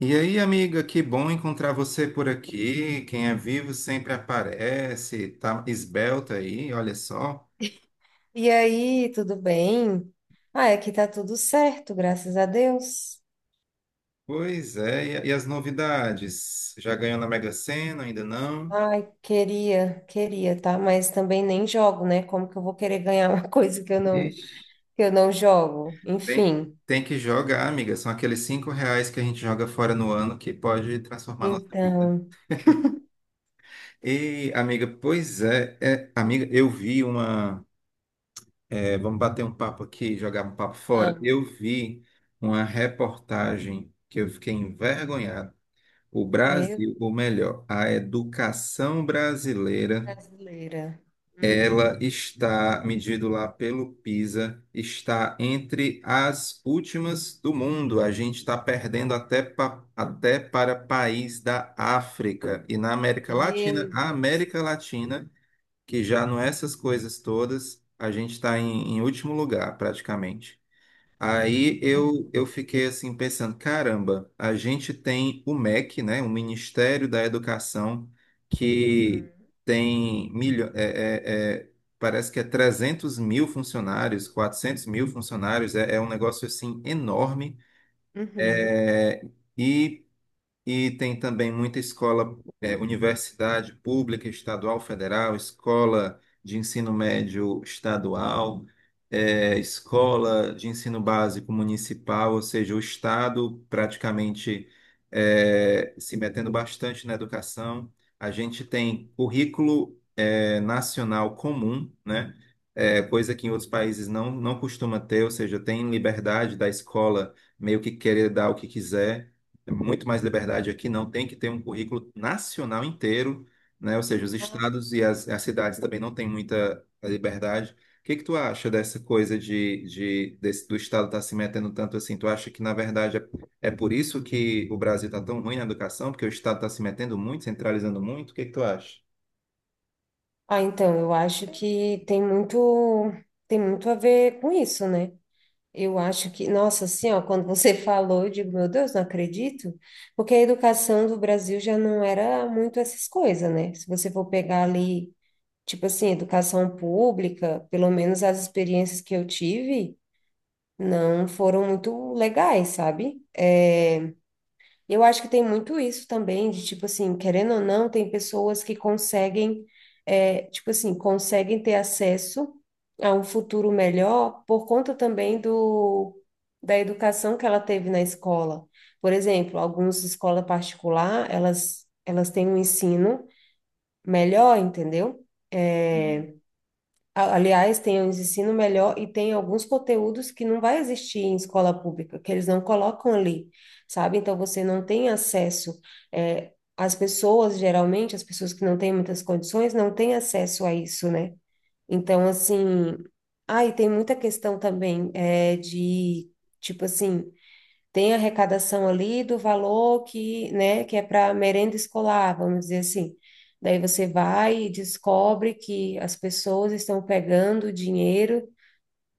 E aí, amiga, que bom encontrar você por aqui. Quem é vivo sempre aparece, tá esbelta aí, olha só. E aí, tudo bem? Ah, aqui tá tudo certo, graças a Deus. Pois é, e as novidades? Já ganhou na Mega Sena? Ainda não? Ai, queria, tá? Mas também nem jogo, né? Como que eu vou querer ganhar uma coisa Ixi. que eu não jogo? Tem, Enfim. tem que jogar, amiga. São aqueles R$ 5 que a gente joga fora no ano que pode transformar nossa vida. Então, E, amiga, pois é, amiga, eu vi uma. Vamos bater um papo aqui, jogar um papo fora. vamos. Eu vi uma reportagem que eu fiquei envergonhado. O Meu Brasil, ou melhor, a educação brasileira, brasileira. Uhum. ela está, medido lá pelo PISA, está entre as últimas do mundo. A gente está perdendo até, até para país da África e na América Latina. Meu A Deus. América Latina, que já não é essas coisas todas, a gente está em último lugar, praticamente. Aí Né? eu fiquei assim pensando, caramba, a gente tem o MEC, né, o Ministério da Educação, que Uhum. tem milho, parece que é 300 mil funcionários, 400 mil funcionários, é um negócio assim enorme. Uhum. é E e tem também muita escola, universidade pública, estadual, federal, escola de ensino médio estadual, escola de ensino básico municipal, ou seja, o Estado praticamente se metendo bastante na educação. A gente tem currículo nacional comum, né? Coisa que em outros países não costuma ter, ou seja, tem liberdade da escola meio que querer dar o que quiser. É muito mais liberdade aqui, não tem que ter um currículo nacional inteiro, né? Ou seja, os estados e as cidades também não têm muita liberdade. O que que tu acha dessa coisa de, do estado estar se metendo tanto assim? Tu acha que, na verdade, é por isso que o Brasil está tão ruim na educação, porque o estado está se metendo muito, centralizando muito? O que que tu acha? Ah, então, eu acho que tem muito a ver com isso, né? Eu acho que, nossa, assim, ó, quando você falou, eu digo, meu Deus, não acredito, porque a educação do Brasil já não era muito essas coisas, né? Se você for pegar ali, tipo assim, educação pública, pelo menos as experiências que eu tive, não foram muito legais, sabe? É, eu acho que tem muito isso também, de tipo assim, querendo ou não, tem pessoas que conseguem, é, tipo assim, conseguem ter acesso a um futuro melhor por conta também do, da educação que ela teve na escola. Por exemplo, algumas escolas particulares, elas têm um ensino melhor, entendeu? A- Aliás, tem um ensino melhor e tem alguns conteúdos que não vai existir em escola pública, que eles não colocam ali, sabe? Então você não tem acesso. As pessoas, geralmente, as pessoas que não têm muitas condições, não têm acesso a isso, né? Então, assim. Ah, e tem muita questão também de, tipo assim, tem a arrecadação ali do valor que, né, que é para merenda escolar, vamos dizer assim. Daí você vai e descobre que as pessoas estão pegando o dinheiro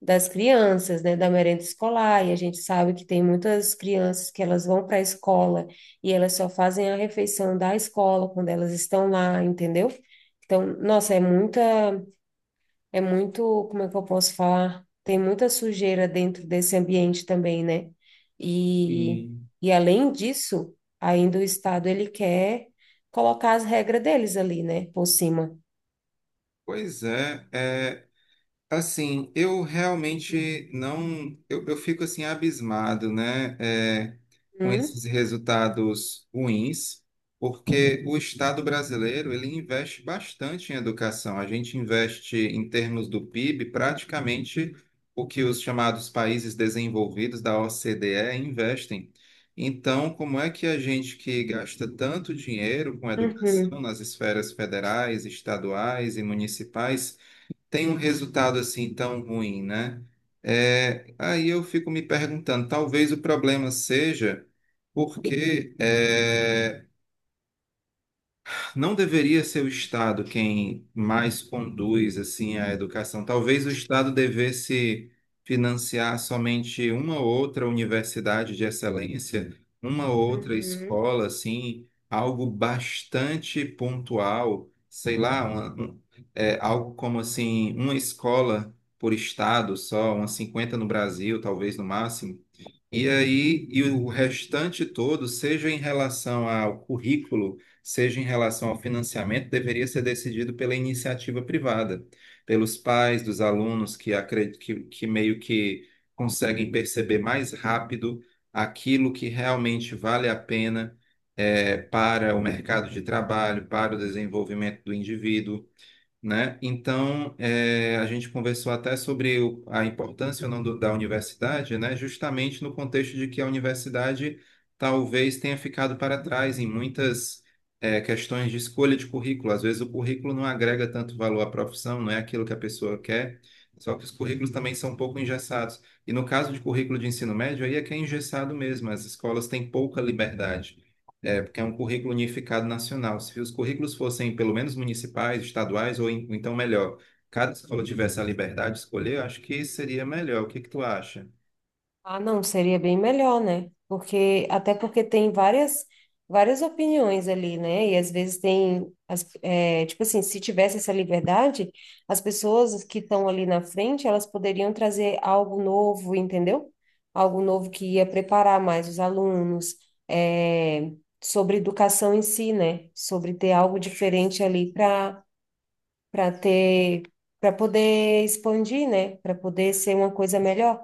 das crianças, né, da merenda escolar, e a gente sabe que tem muitas crianças que elas vão para a escola e elas só fazem a refeição da escola quando elas estão lá, entendeu? Então, nossa, é muita, é muito, como é que eu posso falar? Tem muita sujeira dentro desse ambiente também, né? E, Sim. e além disso, ainda o Estado ele quer colocar as regras deles ali, né? Por cima. Pois é, é, Assim, eu realmente não, eu fico assim abismado, né, com Hum? esses resultados ruins, porque o Estado brasileiro ele investe bastante em educação. A gente investe em termos do PIB praticamente o que os chamados países desenvolvidos da OCDE investem. Então, como é que a gente que gasta tanto dinheiro com educação Uhum. nas esferas federais, estaduais e municipais tem um resultado assim tão ruim, né? É, aí eu fico me perguntando, talvez o problema seja porque não deveria ser o Estado quem mais conduz assim a educação. Talvez o Estado devesse financiar somente uma ou outra universidade de excelência, uma ou outra Uhum. escola, assim, algo bastante pontual, sei lá, algo como assim, uma escola por estado só, umas 50 no Brasil, talvez no máximo. E aí, e o restante todo, seja em relação ao currículo, seja em relação ao financiamento, deveria ser decidido pela iniciativa privada, pelos pais dos alunos que meio que conseguem perceber mais rápido aquilo que realmente vale a pena para o mercado de trabalho, para o desenvolvimento do indivíduo, né? Então, a gente conversou até sobre a importância ou não da universidade, né? Justamente no contexto de que a universidade talvez tenha ficado para trás em muitas questões de escolha de currículo. Às vezes o currículo não agrega tanto valor à profissão, não é aquilo que a pessoa quer, só que os currículos também são um pouco engessados. E no caso de currículo de ensino médio, aí é que é engessado mesmo, as escolas têm pouca liberdade. É, porque é um currículo unificado nacional. Se os currículos fossem pelo menos municipais, estaduais, ou, ou então melhor, cada escola tivesse a liberdade de escolher, eu acho que seria melhor. O que que tu acha? Ah, não, seria bem melhor, né? Porque até porque tem várias, várias opiniões ali, né? E às vezes tem as, é, tipo assim, se tivesse essa liberdade, as pessoas que estão ali na frente, elas poderiam trazer algo novo, entendeu? Algo novo que ia preparar mais os alunos, é, sobre educação em si, né? Sobre ter algo diferente ali para ter, para poder expandir, né? Para poder ser uma coisa melhor.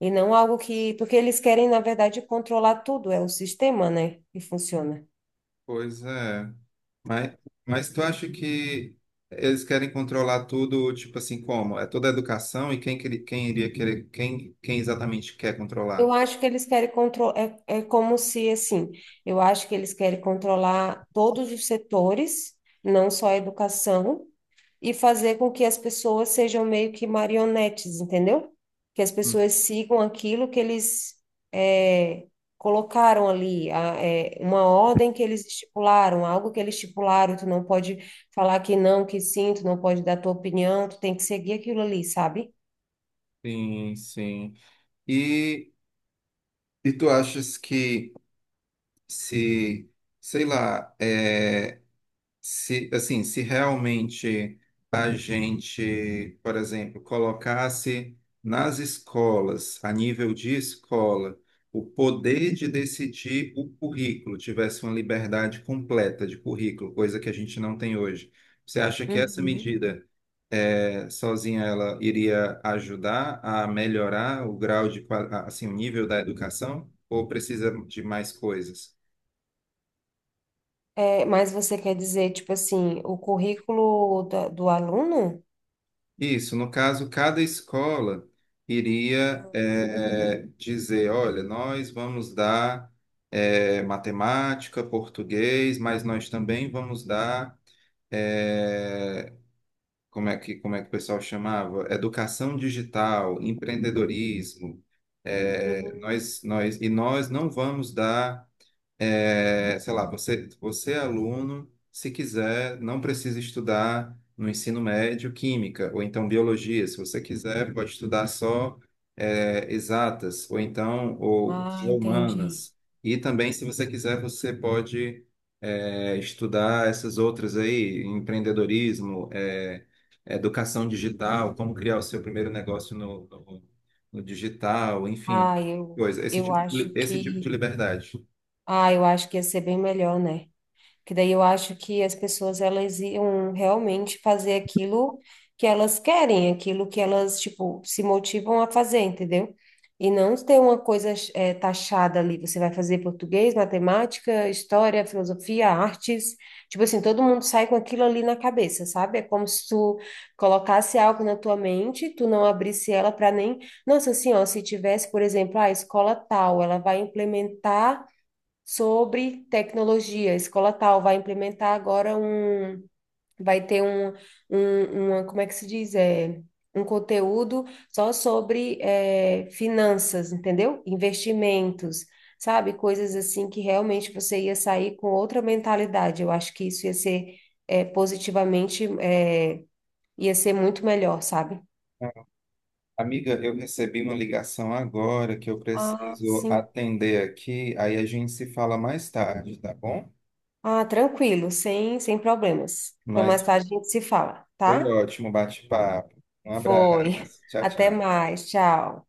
E não algo que, porque eles querem, na verdade, controlar tudo, é o sistema, né? Que funciona. Pois é. Mas, mas tu acha que eles querem controlar tudo, tipo assim, como? É toda a educação e quem, quem iria querer, quem, quem exatamente quer Eu controlar? acho que eles querem controlar, é, é como se, assim, eu acho que eles querem controlar todos os setores, não só a educação, e fazer com que as pessoas sejam meio que marionetes, entendeu? Que as Hum. pessoas sigam aquilo que eles, é, colocaram ali, a- é, uma ordem que eles estipularam, algo que eles estipularam, tu não pode falar que não, que sim, tu não pode dar tua opinião, tu tem que seguir aquilo ali, sabe? Sim, sim. E, e tu achas que se, sei lá, é. Se, assim, se realmente a gente, por exemplo, colocasse nas escolas, a nível de escola, o poder de decidir o currículo, tivesse uma liberdade completa de currículo, coisa que a gente não tem hoje, você acha que essa Uhum. medida, sozinha, ela iria ajudar a melhorar o grau de, assim, o nível da educação, ou precisa de mais coisas? É, mas você quer dizer, tipo assim, o currículo da- do aluno? Isso, no caso, cada escola iria dizer, olha, nós vamos dar matemática, português, mas nós também vamos dar, eh, como é que o pessoal chamava? Educação digital, empreendedorismo. Eh, Uhum. nós, nós, e nós não vamos dar sei lá, você, é aluno, se quiser, não precisa estudar no ensino médio química, ou então biologia, se você quiser, pode estudar só exatas, ou Ah, só entendi. humanas. E também, se você quiser, você pode estudar essas outras aí, empreendedorismo, educação digital, como criar o seu primeiro negócio no, digital, enfim, Ah, eu, coisa, eu acho esse tipo de que, liberdade. ah, eu acho que ia ser bem melhor, né? Que daí eu acho que as pessoas elas iam realmente fazer aquilo que elas querem, aquilo que elas, tipo, se motivam a fazer, entendeu? E não ter uma coisa taxada ali. Você vai fazer português, matemática, história, filosofia, artes. Tipo assim, todo mundo sai com aquilo ali na cabeça, sabe? É como se tu colocasse algo na tua mente, tu não abrisse ela para nem. Nossa, assim, ó, se tivesse, por exemplo, a escola tal, ela vai implementar sobre tecnologia. A escola tal vai implementar agora um, vai ter um, uma, como é que se diz? É, um conteúdo só sobre é, finanças, entendeu? Investimentos, sabe? Coisas assim que realmente você ia sair com outra mentalidade. Eu acho que isso ia ser é, positivamente, é, ia ser muito melhor, sabe? Amiga, eu recebi uma ligação agora que eu Ah, preciso sim. atender aqui, aí a gente se fala mais tarde, tá bom? Ah, tranquilo, sem problemas. Então, mais Mas tarde a gente se fala, foi tá? ótimo o bate-papo. Um Foi. abraço. Tchau, Até tchau. mais. Tchau.